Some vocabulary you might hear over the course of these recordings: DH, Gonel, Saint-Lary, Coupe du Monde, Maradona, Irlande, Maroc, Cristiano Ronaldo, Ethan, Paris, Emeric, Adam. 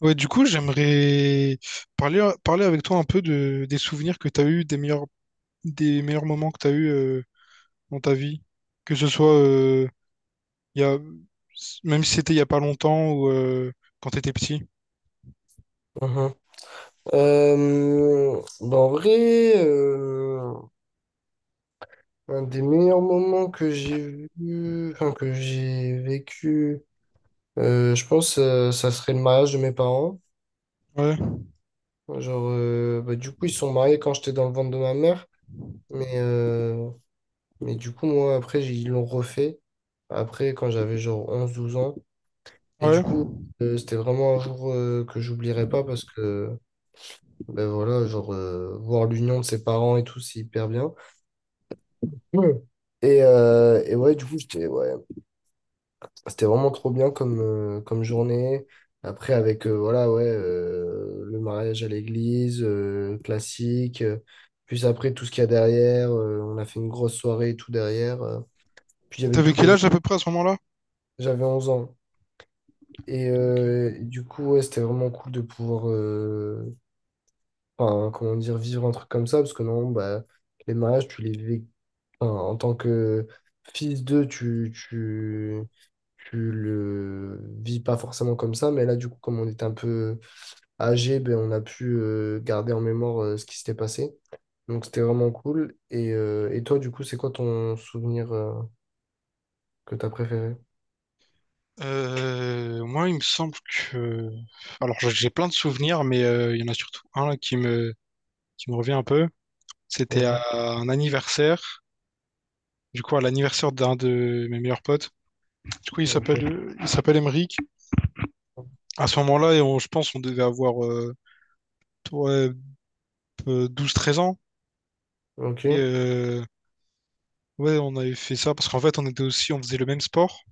Ouais, du coup, j'aimerais parler avec toi un peu des souvenirs que tu as eu, des meilleurs moments que tu as eu dans ta vie. Que ce soit il y a, même si c'était il y a pas longtemps ou quand tu étais petit. Mhm. Bah, en vrai, un des meilleurs moments que j'ai vu, enfin que j'ai vécu, je pense, ça serait le mariage de mes parents. Ouais, Genre, bah, du coup, ils se sont mariés quand j'étais dans le ventre de ma mère, mais, mais du coup, moi, après, ils l'ont refait, après, quand j'avais genre 11 12 ans. Et du ouais. coup, c'était vraiment un jour que j'oublierai pas parce que, ben voilà, genre, voir l'union de ses parents et tout, c'est hyper bien. Ouais. Et ouais, du coup, j'étais, ouais, c'était vraiment trop bien comme journée. Après, avec, voilà, ouais, le mariage à l'église, classique. Puis après, tout ce qu'il y a derrière. On a fait une grosse soirée et tout derrière. Puis Et j'avais t'avais tous quel les... âge à peu près à ce moment-là? J'avais 11 ans. Et, Ok. euh, et du coup, ouais, c'était vraiment cool de pouvoir, enfin, comment dire, vivre un truc comme ça. Parce que non, bah, les mariages, tu les vis, enfin, en tant que fils d'eux, tu le vis pas forcément comme ça, mais là, du coup, comme on était un peu âgé, ben, on a pu garder en mémoire ce qui s'était passé. Donc, c'était vraiment cool. Et toi, du coup, c'est quoi ton souvenir que tu as préféré? Moi, il me semble que... Alors, j'ai plein de souvenirs, mais il y en a surtout un là, qui me revient un peu. C'était à Mhm. un anniversaire, du coup, à l'anniversaire d'un de mes meilleurs potes. Du coup, Ok, il s'appelle Emeric. À ce moment-là, et je pense on devait avoir ouais, 12-13 ans. Et ok, ouais, on avait fait ça parce qu'en fait, on faisait le même sport.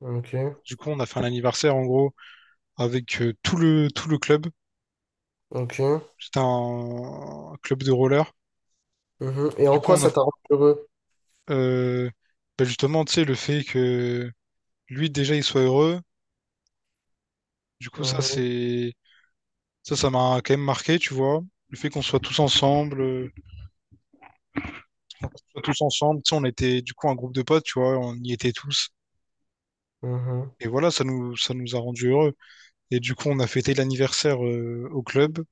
ok, Du coup, on a fait un anniversaire en gros avec tout le club. ok. C'était un club de roller. Mhm. Et Du en coup, quoi on a ça t'a rendu heureux? euh, bah, justement, tu sais, le fait que lui déjà il soit heureux. Du coup, ça Mhm. c'est Ça, ça m'a quand même marqué, tu vois. Le fait qu'on soit tous ensemble, tu sais, on était du coup un groupe de potes, tu vois, on y était tous. Mhm. Et voilà, ça nous a rendus heureux. Et du coup, on a fêté l'anniversaire au club.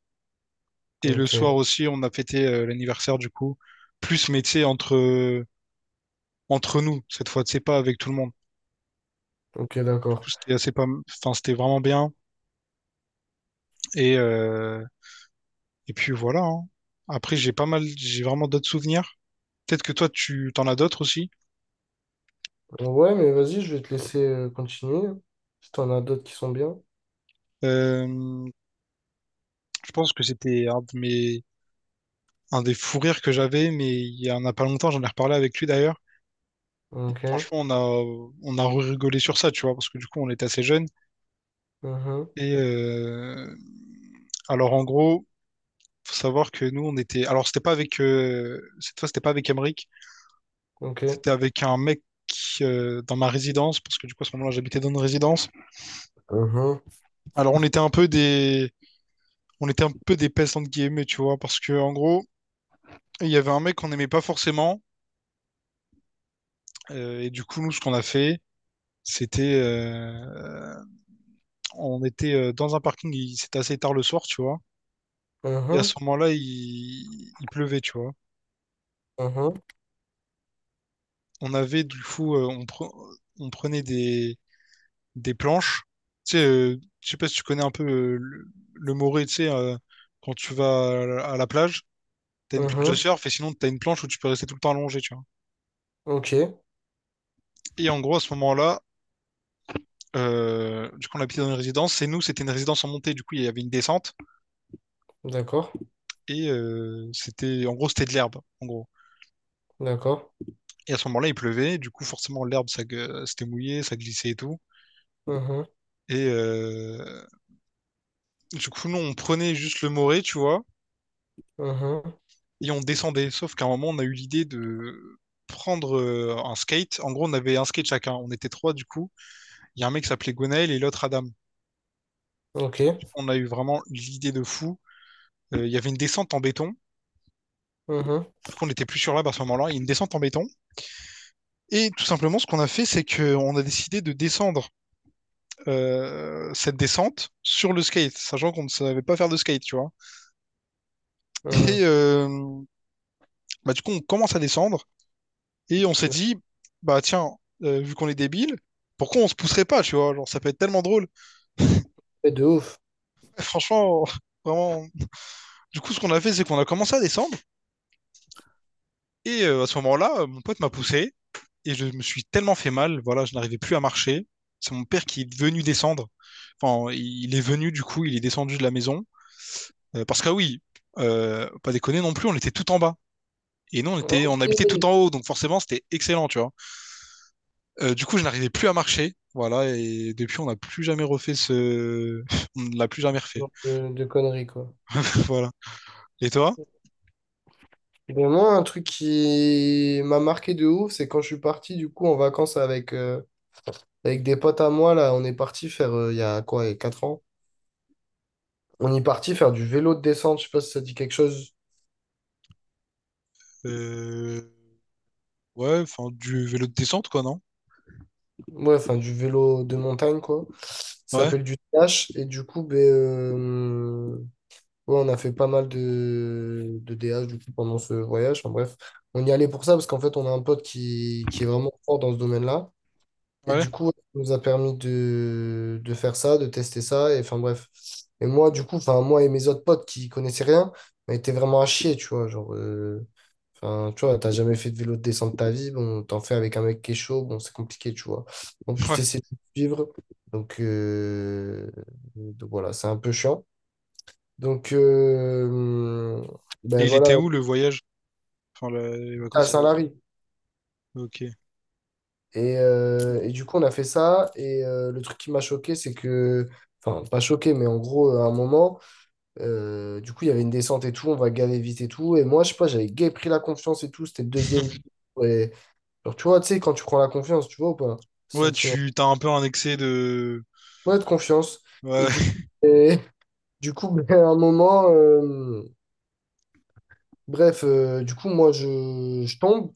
Et le soir Ok, aussi, on a fêté l'anniversaire du coup, plus, mais tu sais, entre nous, cette fois, tu sais, pas avec tout le monde. ok, Du coup, d'accord. c'était assez pas, enfin, c'était vraiment bien. Et, euh, et puis voilà, hein. Après, j'ai pas mal, j'ai vraiment d'autres souvenirs. Peut-être que toi, tu t'en as d'autres aussi. Ouais, mais vas-y, je vais te laisser continuer. Si t'en as d'autres qui sont bien. Euh, Je pense que c'était un de mes... un des fous rires que j'avais, mais il y en a pas longtemps, j'en ai reparlé avec lui d'ailleurs. Ok, Franchement, on a rigolé sur ça, tu vois, parce que du coup, on était assez jeunes. mhm, Et alors, en gros, faut savoir que nous, on était. Alors, c'était pas avec. Cette fois, c'était pas avec Emric, ok, c'était avec un mec qui, dans ma résidence, parce que du coup, à ce moment-là, j'habitais dans une résidence. mhm, Alors, on était un peu des. On était un peu des pestes, entre guillemets, tu vois, parce que, en gros, il y avait un mec qu'on n'aimait pas forcément. Et du coup, nous, ce qu'on a fait, c'était, on était dans un parking, c'était assez tard le soir, tu vois. Et à ce mhm, moment-là, il pleuvait, tu vois. mhm, On avait du coup, on prenait des planches. Tu sais, je sais pas si tu connais un peu le Morez, tu sais, quand tu vas à la plage, t'as une planche de mhm, surf et sinon t'as une planche où tu peux rester tout le temps allongé, tu vois. ok, Et en gros, à ce moment-là, du coup, on habitait dans une résidence. C'était une résidence en montée, du coup, il y avait une descente d'accord, et c'était, en gros, c'était de l'herbe, en gros. d'accord, Et à ce moment-là, il pleuvait, du coup, forcément, c'était mouillé, ça glissait et tout. mhm, Et du coup, nous, on prenait juste le moré, tu vois, mhm, et on descendait. Sauf qu'à un moment, on a eu l'idée de prendre un skate. En gros, on avait un skate chacun. On était trois, du coup. Il y a un mec qui s'appelait Gonel et l'autre Adam. Du ok, coup, on a eu vraiment l'idée de fou. Il y avait une descente en béton. Du mhm, coup, on n'était plus sur l'herbe à ce moment-là. Il y a une descente en béton. Et tout simplement, ce qu'on a fait, c'est qu'on a décidé de descendre cette descente sur le skate, sachant qu'on ne savait pas faire de skate, tu vois. Et mhm. Bah, du coup, on commence à descendre et on s'est dit, bah tiens, vu qu'on est débile, pourquoi on se pousserait pas, tu vois? Genre, ça peut être tellement drôle. Ouais, de ouf. Franchement, vraiment. Du coup, ce qu'on a fait, c'est qu'on a commencé à descendre et à ce moment-là, mon pote m'a poussé et je me suis tellement fait mal. Voilà, je n'arrivais plus à marcher. C'est mon père qui est venu descendre. Enfin, il est venu, du coup, il est descendu de la maison. Parce que, ah oui, pas déconner non plus, on était tout en bas. Et nous, Ah, ok, on habitait tout ce en haut, donc forcément, c'était excellent, tu vois. Du coup, je n'arrivais plus à marcher. Voilà, et depuis, on n'a plus jamais refait ce. On ne l'a plus jamais refait. genre de conneries, quoi. Voilà. Et toi? Et ben moi, un truc qui m'a marqué de ouf, c'est quand je suis parti, du coup, en vacances avec des potes à moi, là, on est parti faire, il y a quoi, il y a 4 ans, on est parti faire du vélo de descente, je sais pas si ça dit quelque chose. Euh, Ouais, enfin, du vélo de descente, quoi, non? Ouais, enfin du vélo de montagne, quoi. Ça Ouais, s'appelle du DH. Et du coup, ben, ouais, on a fait pas mal de DH du coup, pendant ce voyage. Enfin, bref, on y allait pour ça parce qu'en fait, on a un pote qui est vraiment fort dans ce domaine-là. Et ouais, du coup, ça nous a permis de faire ça, de tester ça. Et enfin bref. Et moi, du coup, enfin, moi et mes autres potes qui connaissaient rien, on était vraiment à chier, tu vois. Genre, enfin, tu vois, t'as jamais fait de vélo de descente de ta vie, bon, t'en fais avec un mec qui est chaud, bon, c'est compliqué, tu vois. En plus, ouais. t'essaies de suivre, donc, euh, donc voilà, c'est un peu chiant. Donc, ben Et il était voilà, où le voyage? Enfin, les à vacances, c'était- Saint-Lary. Ok. Et du coup, on a fait ça, et le truc qui m'a choqué, c'est que, enfin, pas choqué, mais en gros, à un moment, du coup, il y avait une descente et tout, on va galérer vite et tout, et moi, je sais pas, j'avais gay pris la confiance et tout, c'était le deuxième jour, et alors, tu vois, tu sais, quand tu prends la confiance, tu vois ou pas? Ce Ouais, sentiment. tu t'as un peu un excès de. Ouais, de confiance. Et du Ouais. coup, et du coup, à un moment, bref, du coup, moi, je tombe.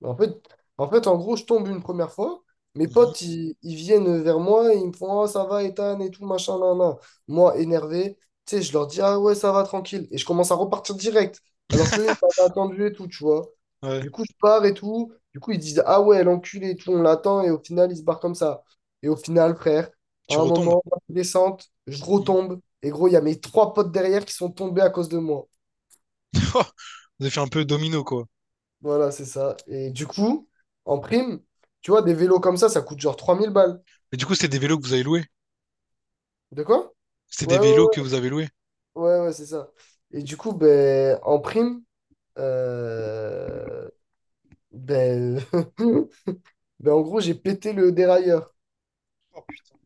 Bah, en fait, en gros, je tombe une première fois. Mes potes, ils viennent vers moi et ils me font Ah, ça va, Ethan, et tout, machin, nan, nan. Moi, énervé, tu sais, je leur dis Ah ouais, ça va, tranquille. Et je commence à repartir direct. Alors Mhm. qu'eux, ils m'avaient attendu et tout, tu vois. Ouais, Du coup, je pars et tout. Du coup, ils disent Ah ouais, l'enculé et tout, on l'attend. Et au final, ils se barrent comme ça. Et au final, frère, à tu un retombes. moment, descente, je Mhm. retombe. Et gros, il y a mes trois potes derrière qui sont tombés à cause de moi. Oh, vous avez fait un peu domino, quoi. Voilà, c'est ça. Et du coup, en prime, tu vois, des vélos comme ça coûte genre 3 000 balles. Mais du coup, c'est des vélos que vous avez loués. De quoi? C'est des Ouais, vélos ouais, que vous avez loués. ouais, ouais, ouais, c'est ça. Et du coup, ben, en prime, euh, ben, ben, en gros, j'ai pété le dérailleur. Oh, putain.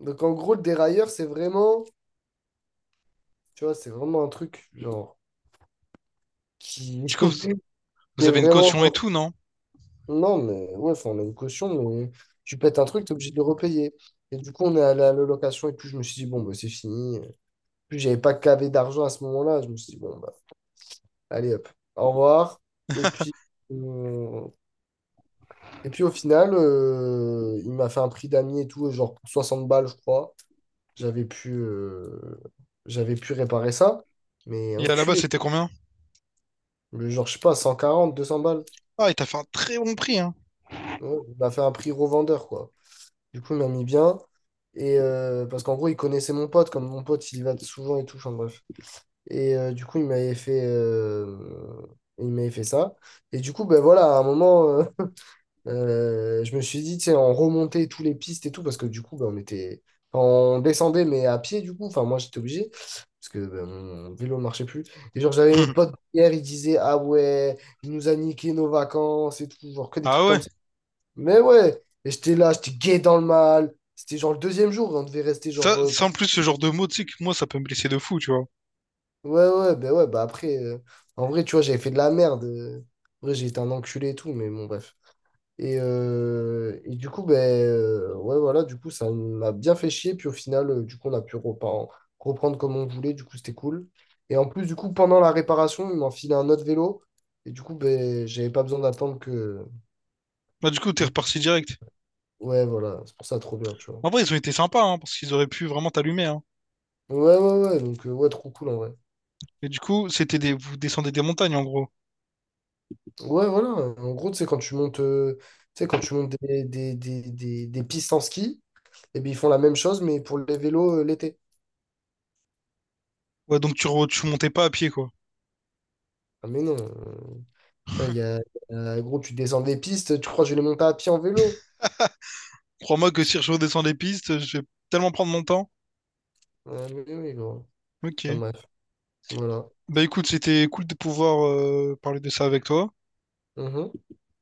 Donc, en gros, le dérailleur, c'est vraiment, tu vois, c'est vraiment un truc, genre, qui, Du coup, qui vous est avez une caution et vraiment. tout, non? Non, mais ouais, enfin, on a une caution, mais tu pètes un truc, t'es obligé de le repayer. Et du coup, on est allé à la location, et puis je me suis dit, bon, ben, c'est fini. Puis j'avais pas cavé d'argent à ce moment-là. Je me suis dit, bon, bah, allez hop, au revoir. Et puis, euh, et puis au final, il m'a fait un prix d'amis et tout, genre pour 60 balles, je crois. J'avais pu, euh, j'avais pu réparer ça. Mais Et à la base, enculé. c'était combien? Le Genre, je sais pas, 140 200 balles. Ah, il t'a fait un très bon prix, hein. Ouais, il m'a fait un prix revendeur, quoi. Du coup, il m'a mis bien. Et parce qu'en gros, il connaissait mon pote, comme mon pote, il y va souvent et tout. Enfin bref. Et du coup, il m'avait fait ça. Et du coup, ben voilà, à un moment, je me suis dit, tu sais, on remontait tous les pistes et tout, parce que du coup, ben, on était, enfin, on descendait, mais à pied, du coup. Enfin, moi, j'étais obligé, parce que ben, mon vélo ne marchait plus. Et genre, j'avais mes Mhm. potes hier, ils disaient, ah ouais, il nous a niqué nos vacances et tout, genre que des Ah trucs ouais. comme ça. Mais ouais, et j'étais là, j'étais gay dans le mal. C'était genre le deuxième jour, on devait rester Ça, genre sans plus ce genre de mots, tu sais que moi, ça peut me blesser de fou, tu vois. Ouais, ouais, bah après, en vrai, tu vois, j'avais fait de la merde. En vrai, j'ai été un enculé et tout, mais bon, bref. Et du coup, ben ouais, voilà, du coup, ça m'a bien fait chier. Puis au final, du coup, on a pu reprendre comme on voulait. Du coup, c'était cool. Et en plus, du coup, pendant la réparation, ils m'ont filé un autre vélo. Et du coup, ben, j'avais pas besoin d'attendre Bah, du coup, t'es que- reparti direct. Ouais, voilà, c'est pour ça, trop bien, tu vois. En vrai, ils ont été sympas, hein, parce qu'ils auraient pu vraiment t'allumer, hein. Ouais, ouais, ouais, donc, ouais, trop cool, en vrai. Et du coup, c'était des, vous descendez des montagnes, en gros. Ouais, voilà. En gros, tu sais, quand tu montes, tu sais, quand tu montes des pistes en ski, et bien, ils font la même chose, mais pour les vélos l'été. Ouais, donc tu montais pas à pied, quoi. Ah, mais non. Il y a, gros, tu descends des pistes, tu crois que je vais les monter à pied en vélo? Crois-moi que si je redescends les pistes, je vais tellement prendre mon temps. Ah, mais oui, gros. Enfin, Ok. bref, voilà. Bah écoute, c'était cool de pouvoir parler de ça avec toi. Mhm.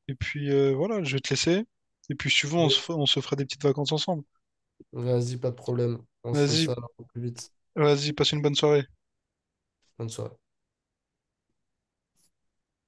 Et puis voilà, je vais te laisser. Et puis si tu veux, Yes. On se fera des petites vacances ensemble. Vas-y, pas de problème. On se fait Vas-y, ça au plus vite. vas-y, passe une bonne soirée. Bonne soirée.